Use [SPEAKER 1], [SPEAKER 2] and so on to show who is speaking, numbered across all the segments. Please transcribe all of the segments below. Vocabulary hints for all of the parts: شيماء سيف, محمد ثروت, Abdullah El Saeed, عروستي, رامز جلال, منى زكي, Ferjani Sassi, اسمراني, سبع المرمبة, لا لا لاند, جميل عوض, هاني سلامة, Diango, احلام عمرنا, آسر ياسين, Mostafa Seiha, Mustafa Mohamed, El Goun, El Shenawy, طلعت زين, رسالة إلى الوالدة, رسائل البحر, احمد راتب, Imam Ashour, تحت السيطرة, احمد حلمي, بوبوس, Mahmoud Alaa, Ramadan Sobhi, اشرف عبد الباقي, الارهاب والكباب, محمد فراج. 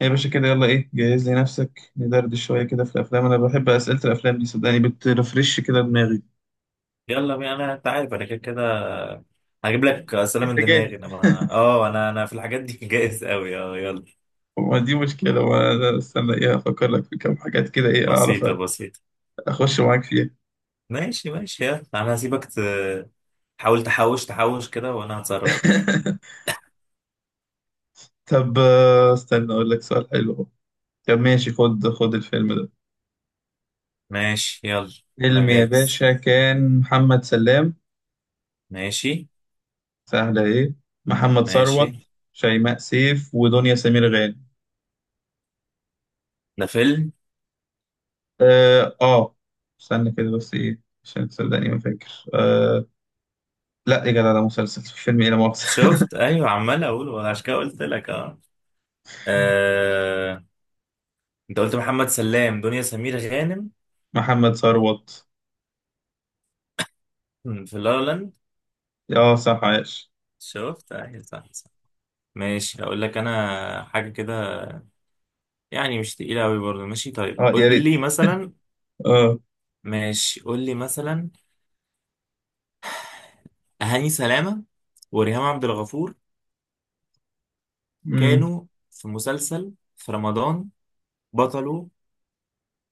[SPEAKER 1] يا باشا كده، يلا ايه، جهز لي نفسك ندردش شوية كده في الأفلام. أنا بحب أسئلة الأفلام دي، صدقني بترفرش كده دماغي.
[SPEAKER 2] يلا بينا. انا انت عارف انا كده كده هجيب لك اسئله
[SPEAKER 1] أنت
[SPEAKER 2] من
[SPEAKER 1] جاهز؟
[SPEAKER 2] دماغي. انا ما... اه انا انا في الحاجات دي جاهز قوي، اه يلا.
[SPEAKER 1] وما دي مشكلة، وأنا استنى ايه؟ أفكر لك في كام حاجات كده ايه أعرف
[SPEAKER 2] بسيطه بسيطه.
[SPEAKER 1] أخش معاك فيها.
[SPEAKER 2] ماشي ماشي يلا، انا هسيبك تحاول تحوش كده وانا هتصرف ايه.
[SPEAKER 1] طب استنى أقول لك سؤال حلو أهو. طب ماشي، خد الفيلم ده.
[SPEAKER 2] ماشي يلا، انا
[SPEAKER 1] فيلم يا
[SPEAKER 2] جاهز.
[SPEAKER 1] باشا كان محمد سلام.
[SPEAKER 2] ماشي
[SPEAKER 1] سهلة ايه. محمد
[SPEAKER 2] ماشي.
[SPEAKER 1] ثروت، شيماء سيف، ودنيا سمير غانم.
[SPEAKER 2] ده فيلم؟
[SPEAKER 1] اه استنى كده بس ايه عشان تصدقني ما فاكر لا يا جدع، ده مسلسل، فيلم ايه، لا مؤاخذة.
[SPEAKER 2] شفت، ايوه عمال اقول وانا عشان كده قلت لك. اه آه، انت قلت محمد سلام دنيا سمير غانم
[SPEAKER 1] محمد ثروت.
[SPEAKER 2] في لا لا لاند.
[SPEAKER 1] اه صح، عايش.
[SPEAKER 2] شفت، ايوه صح. ماشي هقول لك انا حاجه كده، يعني مش تقيله قوي برضه. ماشي طيب
[SPEAKER 1] اه
[SPEAKER 2] قول
[SPEAKER 1] يا ريت.
[SPEAKER 2] لي مثلا.
[SPEAKER 1] اه.
[SPEAKER 2] ماشي قول لي مثلا. هاني سلامه وريهام عبد الغفور
[SPEAKER 1] امم
[SPEAKER 2] كانوا في مسلسل في رمضان، بطله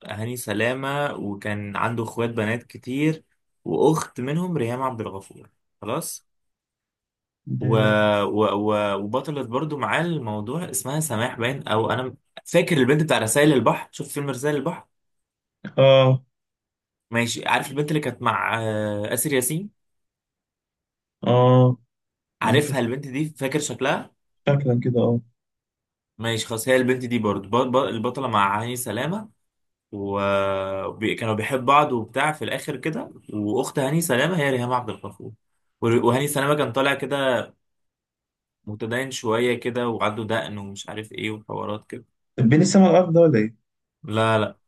[SPEAKER 2] هاني سلامه، وكان عنده اخوات بنات كتير، واخت منهم ريهام عبد الغفور، خلاص. و...
[SPEAKER 1] ده-
[SPEAKER 2] و... و... وبطلت برضه معاه الموضوع اسمها سماح، باين او انا فاكر البنت بتاع رسائل البحر. شوف فيلم رسائل البحر.
[SPEAKER 1] اه
[SPEAKER 2] ماشي، عارف البنت اللي كانت مع آسر ياسين؟
[SPEAKER 1] اه. أنا مش
[SPEAKER 2] عارفها
[SPEAKER 1] فاكر.
[SPEAKER 2] البنت دي؟ فاكر شكلها؟
[SPEAKER 1] شكلا كده اه.
[SPEAKER 2] ماشي خلاص، هي البنت دي برضو البطلة مع هاني سلامة، وكانوا بيحب بعض وبتاع في الآخر كده، وأخت هاني سلامة هي ريهام عبد الغفور. وهاني سلامة كان طالع كده متدين شوية كده، وعنده دقن ومش عارف إيه وحوارات كده.
[SPEAKER 1] طب بين السما والارض ده ولا ايه؟
[SPEAKER 2] لا لا.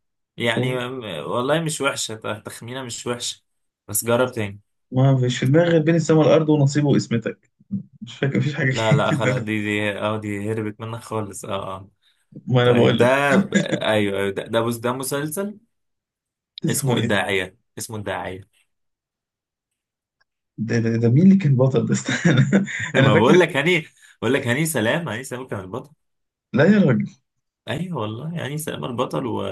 [SPEAKER 1] مش هو.
[SPEAKER 2] يعني م- والله مش وحشة، تخمينة مش وحشة، بس جرب تاني.
[SPEAKER 1] ما فيش في دماغي غير بين السما والارض ونصيبه واسمتك. مش فاكر، مفيش حاجه
[SPEAKER 2] لا
[SPEAKER 1] كده
[SPEAKER 2] لا
[SPEAKER 1] في
[SPEAKER 2] خلاص،
[SPEAKER 1] دماغي.
[SPEAKER 2] دي اه دي هربت منك خالص اه اه.
[SPEAKER 1] ما انا
[SPEAKER 2] طيب
[SPEAKER 1] بقول لك.
[SPEAKER 2] ده ايوه ايوه ده ده، ده مسلسل.
[SPEAKER 1] اسمه
[SPEAKER 2] اسمه
[SPEAKER 1] ايه؟
[SPEAKER 2] الداعية، اسمه الداعية.
[SPEAKER 1] ده مين اللي كان بطل ده؟ استنى انا
[SPEAKER 2] ما بقول
[SPEAKER 1] فاكر.
[SPEAKER 2] لك هاني، بقول لك هاني سلام، هاني سلام كان البطل.
[SPEAKER 1] لا يا راجل.
[SPEAKER 2] ايوه والله هاني سلام البطل و...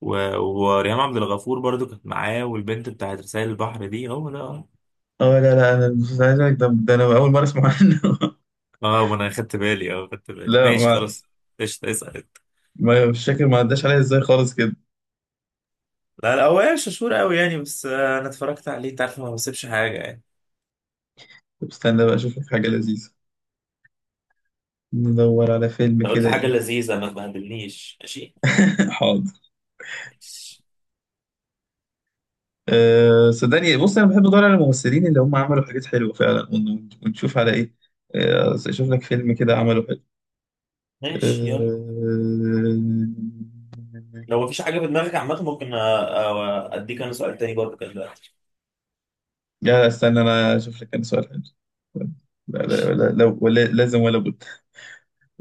[SPEAKER 2] و... وريهام عبد الغفور برضو كانت معاه، والبنت بتاعت رسائل البحر دي هو ده اه.
[SPEAKER 1] اه لا لا، انا مش عايز اقولك. ده انا اول مره اسمع عنه.
[SPEAKER 2] اه، ما انا خدت بالي اه خدت بالي،
[SPEAKER 1] لا
[SPEAKER 2] ماشي
[SPEAKER 1] ما
[SPEAKER 2] خلاص. قشطة، اسأل انت.
[SPEAKER 1] ما مش فاكر، ما عداش عليا ازاي خالص كده.
[SPEAKER 2] لا لا، هو يعني شطور قوي يعني، بس انا اتفرجت عليه انت عارف، ما بسيبش حاجة يعني.
[SPEAKER 1] طب استنى بقى اشوف لك حاجه لذيذه، ندور على فيلم
[SPEAKER 2] لو قلت
[SPEAKER 1] كده
[SPEAKER 2] حاجة
[SPEAKER 1] ايه.
[SPEAKER 2] لذيذة ما تبهدلنيش، ماشي.
[SPEAKER 1] حاضر.
[SPEAKER 2] ماشي.
[SPEAKER 1] أه صدقني، بص انا بحب ادور على الممثلين اللي هم عملوا حاجات حلوه فعلا ونشوف على ايه. اشوف لك فيلم كده عمله حلو.
[SPEAKER 2] ماشي يلا.
[SPEAKER 1] أه...
[SPEAKER 2] لو مفيش حاجة في دماغك عامة، ممكن أديك أنا سؤال تاني برضه كده دلوقتي.
[SPEAKER 1] لا استنى انا اشوف لك انا سؤال حلو. لا لا لا، لا ولا لازم ولا بد.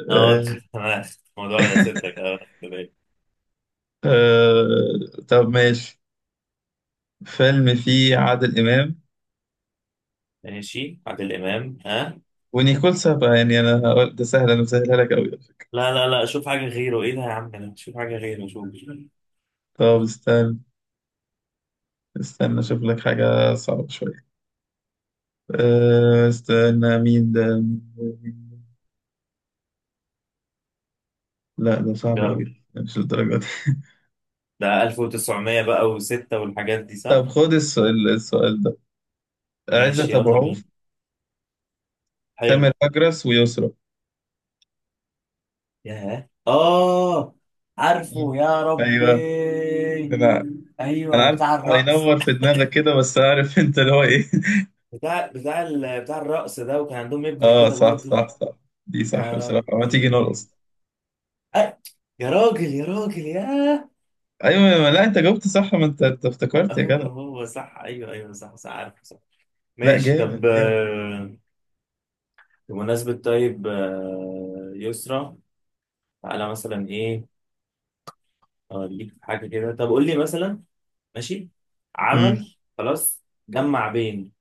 [SPEAKER 2] اه انت،
[SPEAKER 1] أه...
[SPEAKER 2] انا الموضوع على صدرك اه كده.
[SPEAKER 1] طب ماشي. فيلم فيه عادل إمام
[SPEAKER 2] ماشي عادل امام، ها.
[SPEAKER 1] ونيكول سابا. يعني أنا هقول ده سهل، أنا مسهلها لك أوي على فكرة.
[SPEAKER 2] لا لا لا، شوف حاجه غيره، ايه ده يا عم، انا شوف حاجه غيره، شوف.
[SPEAKER 1] طب استنى أشوف لك حاجة صعبة شوية. استنى مين ده. لا ده صعب
[SPEAKER 2] جرب.
[SPEAKER 1] أوي، مش للدرجة دي.
[SPEAKER 2] ده 1900 بقى و6 والحاجات دي صح.
[SPEAKER 1] طب خد السؤال ده.
[SPEAKER 2] ماشي
[SPEAKER 1] عزت أبو
[SPEAKER 2] يلا
[SPEAKER 1] عوف،
[SPEAKER 2] بينا. حلو.
[SPEAKER 1] تامر أجرس، ويسرا.
[SPEAKER 2] ياه، اه
[SPEAKER 1] مم.
[SPEAKER 2] عارفه يا ربي.
[SPEAKER 1] أيوه. أنا أنا
[SPEAKER 2] ايوه
[SPEAKER 1] عارف،
[SPEAKER 2] بتاع الرقص.
[SPEAKER 1] هينور في دماغك كده، بس عارف أنت اللي هو إيه.
[SPEAKER 2] بتاع ال... بتاع الرقص ده، وكان عندهم ابن
[SPEAKER 1] آه
[SPEAKER 2] كده
[SPEAKER 1] صح
[SPEAKER 2] برضه.
[SPEAKER 1] صح صح. دي صح
[SPEAKER 2] يا
[SPEAKER 1] بصراحة، ما تيجي
[SPEAKER 2] ربي.
[SPEAKER 1] نرقص.
[SPEAKER 2] أه. يا راجل يا راجل ياه.
[SPEAKER 1] ايوه، لا انت جاوبت صح، ما انت أنت افتكرت يا جدع.
[SPEAKER 2] هو صح، ايوه ايوه صح صح، عارف صح.
[SPEAKER 1] لا
[SPEAKER 2] ماشي طب
[SPEAKER 1] جامد جامد.
[SPEAKER 2] آه، بمناسبة طيب آه، يسرا. تعالى مثلا ايه، اوريك حاجة كده، طب قول لي مثلا. ماشي.
[SPEAKER 1] مم.
[SPEAKER 2] عمل خلاص جمع بين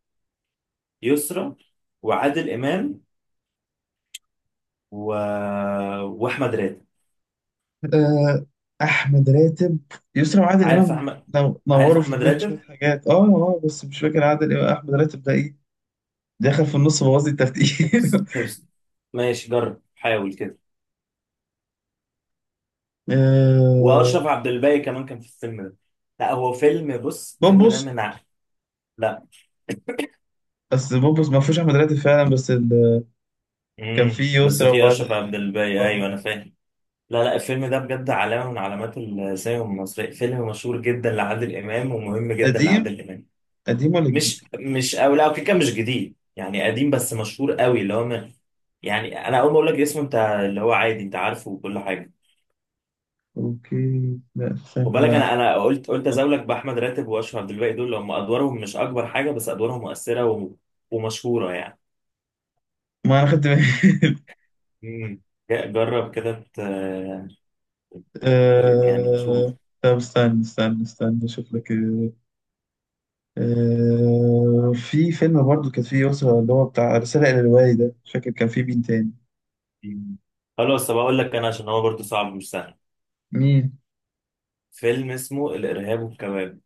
[SPEAKER 2] يسرا وعادل امام و... واحمد راتب.
[SPEAKER 1] آه، احمد راتب، يسرا وعادل
[SPEAKER 2] عارف
[SPEAKER 1] امام
[SPEAKER 2] احمد، عارف
[SPEAKER 1] نوروا في
[SPEAKER 2] احمد
[SPEAKER 1] دماغي شويه
[SPEAKER 2] راتب.
[SPEAKER 1] حاجات اه اه، بس مش فاكر عادل امام احمد راتب ده ايه. دخل في النص بوظ لي الترتيب.
[SPEAKER 2] طب ماشي جرب حاول كده.
[SPEAKER 1] آه،
[SPEAKER 2] واشرف عبد الباقي كمان كان في الفيلم ده. لا هو فيلم، بص الفيلم ده
[SPEAKER 1] بوبوس.
[SPEAKER 2] لا.
[SPEAKER 1] بس بوبوس ما فيهوش احمد راتب فعلا، بس ال... كان
[SPEAKER 2] امم،
[SPEAKER 1] فيه
[SPEAKER 2] بس
[SPEAKER 1] يسرا
[SPEAKER 2] في اشرف
[SPEAKER 1] وعادل
[SPEAKER 2] عبد
[SPEAKER 1] امام
[SPEAKER 2] الباقي، ايوه
[SPEAKER 1] اه.
[SPEAKER 2] انا فاهم. لا لا، الفيلم ده بجد علامه من علامات السينما المصريه، فيلم مشهور جدا لعادل امام، ومهم جدا
[SPEAKER 1] قديم،
[SPEAKER 2] لعادل امام.
[SPEAKER 1] قديم ولا جديد؟
[SPEAKER 2] مش مش او لا كده كده مش جديد، يعني قديم بس مشهور قوي، اللي هو من، يعني انا اول ما اقول لك اسمه انت اللي هو عادي انت عارفه وكل حاجه.
[SPEAKER 1] اوكي لا
[SPEAKER 2] خد
[SPEAKER 1] استنى
[SPEAKER 2] بالك،
[SPEAKER 1] بقى.
[SPEAKER 2] انا قلت، قلت ازولك باحمد راتب واشرف عبد الباقي، دول اللي هم ادوارهم مش اكبر حاجه بس ادوارهم مؤثره و... ومشهوره يعني.
[SPEAKER 1] ما انا خدت بالي.
[SPEAKER 2] امم. جرب كده يعني تشوف.
[SPEAKER 1] طب استنى اشوف لك. في فيلم برضو كان فيه يسرا اللي هو بتاع رسالة إلى الوالدة، مش فاكر كان فيه مين تاني.
[SPEAKER 2] خلاص طب اقول لك انا، عشان هو برضه صعب مش سهل.
[SPEAKER 1] مين.
[SPEAKER 2] فيلم اسمه الارهاب والكباب.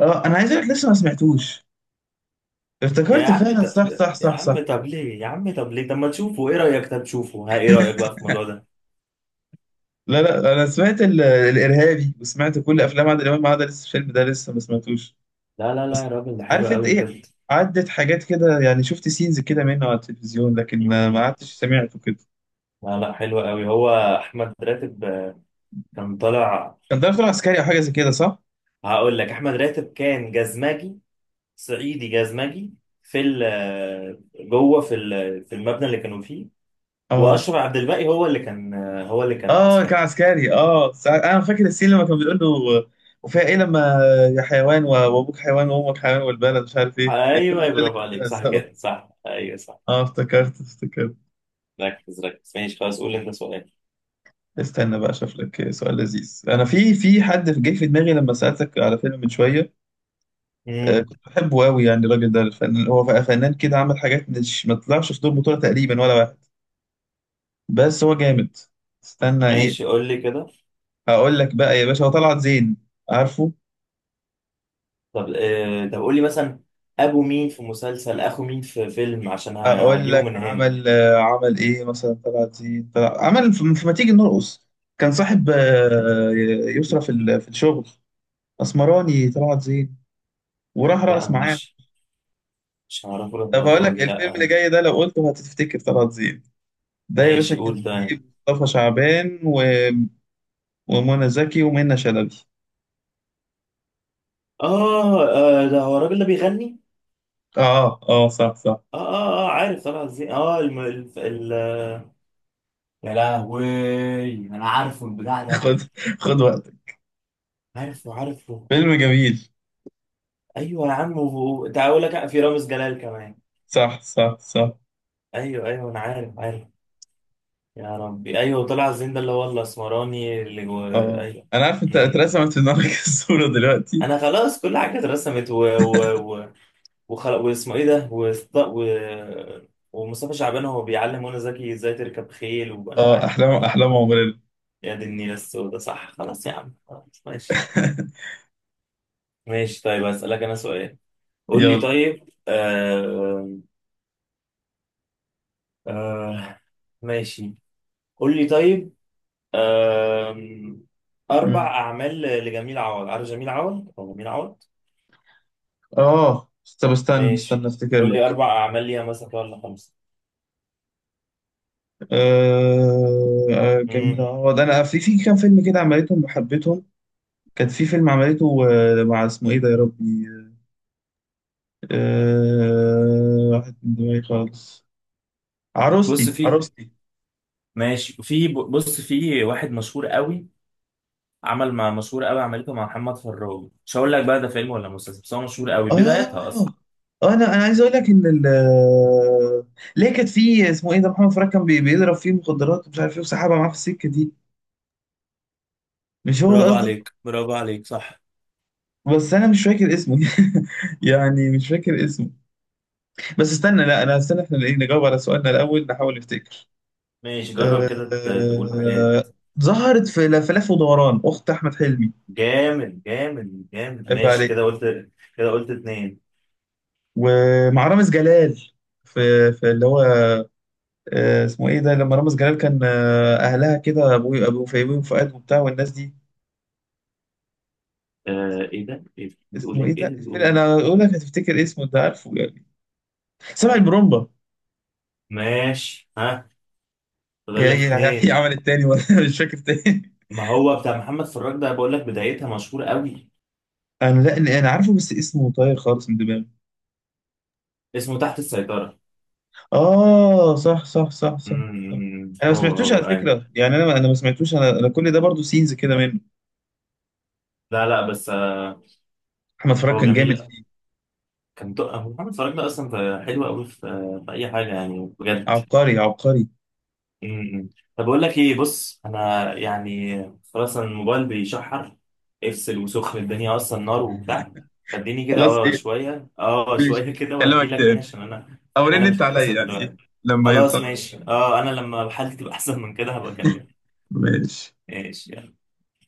[SPEAKER 1] اه انا عايز اقول لك لسه ما سمعتوش.
[SPEAKER 2] يا
[SPEAKER 1] افتكرت
[SPEAKER 2] عم
[SPEAKER 1] فعلا
[SPEAKER 2] طب،
[SPEAKER 1] صح صح
[SPEAKER 2] يا
[SPEAKER 1] صح
[SPEAKER 2] عم
[SPEAKER 1] صح.
[SPEAKER 2] طب ليه، يا عم طب ليه، طب ما تشوفه، ايه رايك، طب تشوفه، ها، ايه رايك بقى في الموضوع ده.
[SPEAKER 1] لا لا انا سمعت الارهابي وسمعت كل افلام عادل امام ما عدا لسه الفيلم ده لسه ما سمعتوش.
[SPEAKER 2] لا لا لا يا
[SPEAKER 1] بس
[SPEAKER 2] راجل، ده حلو
[SPEAKER 1] عارف انت
[SPEAKER 2] قوي
[SPEAKER 1] ايه،
[SPEAKER 2] بجد.
[SPEAKER 1] عدت حاجات كده يعني، شفت سينز كده منه على التلفزيون، لكن ما ما
[SPEAKER 2] امم.
[SPEAKER 1] عدتش سمعته كده.
[SPEAKER 2] لا لا، حلو قوي هو. احمد راتب آه، كان طالع.
[SPEAKER 1] كان ده فيلم عسكري او حاجه زي كده صح؟
[SPEAKER 2] هقول لك، احمد راتب كان جزمجي، صعيدي جزمجي في ال آه، جوه في المبنى اللي كانوا فيه.
[SPEAKER 1] اه
[SPEAKER 2] واشرف عبد الباقي هو اللي كان آه، هو اللي كان
[SPEAKER 1] اه كان
[SPEAKER 2] عسكري.
[SPEAKER 1] عسكري اه. انا فاكر السين لما كان بيقول له وفيها ايه لما، يا حيوان وابوك حيوان وامك حيوان والبلد مش عارف ايه،
[SPEAKER 2] ايوه
[SPEAKER 1] الجمله دي
[SPEAKER 2] أيوة،
[SPEAKER 1] اللي
[SPEAKER 2] برافو
[SPEAKER 1] كان
[SPEAKER 2] عليك، صح
[SPEAKER 1] بيهزقه.
[SPEAKER 2] كده صح، ايوه صح.
[SPEAKER 1] اه افتكرت افتكرت.
[SPEAKER 2] ركز ماشي خلاص، قول لي انت سؤال.
[SPEAKER 1] استنى بقى اشوف لك سؤال لذيذ. انا في حد جه في دماغي لما سالتك على فيلم من شويه. آه
[SPEAKER 2] امم.
[SPEAKER 1] كنت بحبه قوي يعني، الراجل ده الفنان، هو فنان كده، عمل حاجات مش ما طلعش في دور بطوله تقريبا ولا واحد، بس هو جامد. استنى
[SPEAKER 2] ماشي
[SPEAKER 1] ايه.
[SPEAKER 2] قول لي كده.
[SPEAKER 1] هقول لك بقى يا باشا، هو طلعت زين، عارفه.
[SPEAKER 2] طب آه، طب قول لي مثلا، ابو مين في مسلسل، اخو مين في فيلم، عشان
[SPEAKER 1] اقول
[SPEAKER 2] هجيبه
[SPEAKER 1] لك
[SPEAKER 2] من هنا.
[SPEAKER 1] عمل عمل ايه مثلا طلعت زين، طلع عمل في ما تيجي نرقص. كان صاحب يسرى في الشغل، اسمراني طلعت زين، وراح
[SPEAKER 2] لا
[SPEAKER 1] رقص
[SPEAKER 2] انا
[SPEAKER 1] معاه.
[SPEAKER 2] مش هعرفه
[SPEAKER 1] طب هقول
[SPEAKER 2] للدرجه
[SPEAKER 1] لك
[SPEAKER 2] دي،
[SPEAKER 1] الفيلم
[SPEAKER 2] لا.
[SPEAKER 1] اللي جاي ده، لو قلته هتفتكر طلعت زين. ده يا باشا
[SPEAKER 2] ماشي
[SPEAKER 1] كان
[SPEAKER 2] قول ده.
[SPEAKER 1] فيه مصطفى شعبان ومنى زكي ومنى شلبي.
[SPEAKER 2] اه آه، ده هو الراجل اللي بيغني.
[SPEAKER 1] اه اه صح صح.
[SPEAKER 2] اه اه اه عارف طبعا ازاي، اه الم... ال... ال... يا لهوي، انا عارفه البتاع ده.
[SPEAKER 1] خد، خد وقتك.
[SPEAKER 2] عارفه عارفه.
[SPEAKER 1] فيلم جميل.
[SPEAKER 2] ايوه يا عم، تعال اقول لك في رامز جلال كمان.
[SPEAKER 1] صح صح صح.
[SPEAKER 2] ايوه ايوه انا عارف عارف. يا ربي ايوه طلع الزين ده اللي هو الاسمراني اللي و...
[SPEAKER 1] اه
[SPEAKER 2] ايوه.
[SPEAKER 1] انا عارف انت
[SPEAKER 2] مم.
[SPEAKER 1] اترسمت في دماغك الصورة دلوقتي.
[SPEAKER 2] انا خلاص كل حاجه اترسمت و... و... و... وخل... واسمه ايه ده وست... و... ومصطفى شعبان هو بيعلم منى زكي ازاي تركب خيل وانا
[SPEAKER 1] اه
[SPEAKER 2] عارف
[SPEAKER 1] احلام،
[SPEAKER 2] آه.
[SPEAKER 1] احلام عمرنا.
[SPEAKER 2] يا دي النيله السوداء، صح، خلاص يا عم خلاص ماشي. ماشي طيب، اسالك انا سؤال. قول لي
[SPEAKER 1] يلا.
[SPEAKER 2] طيب آه... آه... ماشي. قول لي طيب، أم، أربع
[SPEAKER 1] مم.
[SPEAKER 2] أعمال لجميل عوض. عارف جميل عوض أو جميل عوض.
[SPEAKER 1] اه طب استنى
[SPEAKER 2] ماشي.
[SPEAKER 1] استنى افتكر
[SPEAKER 2] قول لي
[SPEAKER 1] لك.
[SPEAKER 2] أربع أعمال ليها مثلا كده، ولا خمسة.
[SPEAKER 1] جميل
[SPEAKER 2] مم.
[SPEAKER 1] عوض، انا في كام فيلم كده عملتهم وحبيتهم. كان في فيلم عملته مع اسمه ايه ده يا ربي، واحد من دماغي خالص،
[SPEAKER 2] بص
[SPEAKER 1] عروستي
[SPEAKER 2] في،
[SPEAKER 1] عروستي.
[SPEAKER 2] ماشي في، بص في واحد مشهور قوي، عمل مع مشهور قوي، عملته مع محمد فراج، مش هقول لك بقى ده فيلم ولا مسلسل، بس هو مشهور قوي بدايتها
[SPEAKER 1] اه
[SPEAKER 2] أصلا.
[SPEAKER 1] انا عايز اقول لك ان ال ليه كانت في اسمه ايه ده، محمد فراج كان بيضرب فيه مخدرات ومش عارف ايه، وسحبها معاه في السكه دي. مش هو ده
[SPEAKER 2] برافو
[SPEAKER 1] قصدك؟
[SPEAKER 2] عليك، برافو عليك صح.
[SPEAKER 1] بس انا مش فاكر اسمه. يعني مش فاكر اسمه، بس استنى لا انا استنى احنا ايه نجاوب على سؤالنا الاول نحاول نفتكر.
[SPEAKER 2] ماشي جرب
[SPEAKER 1] آه،
[SPEAKER 2] كده تقول حاجة.
[SPEAKER 1] آه، ظهرت في لفلف ودوران اخت احمد حلمي.
[SPEAKER 2] جامد جامد جامد،
[SPEAKER 1] عيب
[SPEAKER 2] ماشي كده
[SPEAKER 1] عليك.
[SPEAKER 2] قلت، كده قلت اتنين.
[SPEAKER 1] ومع رامز جلال في اللي هو اسمه ايه ده، لما رامز جلال كان اهلها كده، ابو فيبي وفؤاد وبتاع والناس دي.
[SPEAKER 2] آه ايه ده؟ ايه ده؟ بتقول
[SPEAKER 1] اسمه ايه
[SPEAKER 2] ايه؟
[SPEAKER 1] ده
[SPEAKER 2] ايه ده بتقول
[SPEAKER 1] الفيلم،
[SPEAKER 2] إيه؟
[SPEAKER 1] انا اقول لك هتفتكر اسمه، انت عارفه يعني. سبع المرمبة.
[SPEAKER 2] ماشي ها، فاضل
[SPEAKER 1] هي
[SPEAKER 2] لك
[SPEAKER 1] هي هي
[SPEAKER 2] اتنين.
[SPEAKER 1] عملت تاني ولا مش فاكر تاني.
[SPEAKER 2] ما هو بتاع محمد فراج ده بقول لك بدايتها مشهورة قوي.
[SPEAKER 1] انا لا انا عارفه، بس اسمه طاير خالص من دماغي.
[SPEAKER 2] اسمه تحت السيطرة.
[SPEAKER 1] آه صح صح صح صح، صح.
[SPEAKER 2] امم،
[SPEAKER 1] أنا ما
[SPEAKER 2] هو
[SPEAKER 1] سمعتوش على
[SPEAKER 2] هو اي.
[SPEAKER 1] فكرة يعني، أنا ما سمعتوش، أنا كل ده برضو سينز كده منه.
[SPEAKER 2] لا لا، بس آه،
[SPEAKER 1] أحمد فراج
[SPEAKER 2] هو
[SPEAKER 1] كان جامد
[SPEAKER 2] جميل.
[SPEAKER 1] فيه،
[SPEAKER 2] كان تو-، هو محمد فراج ده اصلا حلو قوي في آه، في اي حاجة يعني بجد.
[SPEAKER 1] عبقري عبقري.
[SPEAKER 2] امم. طب بقول لك ايه، بص انا يعني خلاص، أنا الموبايل بيشحر، افصل وسخن الدنيا اصلا نار وبتاع، فاديني كده
[SPEAKER 1] خلاص
[SPEAKER 2] اه
[SPEAKER 1] ايه،
[SPEAKER 2] شوية، اه
[SPEAKER 1] ماشي،
[SPEAKER 2] شوية كده
[SPEAKER 1] هكلمك
[SPEAKER 2] وهجيلك تاني،
[SPEAKER 1] تاني
[SPEAKER 2] عشان انا في
[SPEAKER 1] او رن
[SPEAKER 2] حالة
[SPEAKER 1] انت
[SPEAKER 2] مش
[SPEAKER 1] عليا
[SPEAKER 2] كويسة
[SPEAKER 1] يعني
[SPEAKER 2] دلوقتي.
[SPEAKER 1] ايه لما
[SPEAKER 2] خلاص
[SPEAKER 1] يتخلص.
[SPEAKER 2] ماشي، اه انا لما حالتي تبقى احسن من كده هبقى اكلمك.
[SPEAKER 1] ماشي
[SPEAKER 2] ماشي يلا.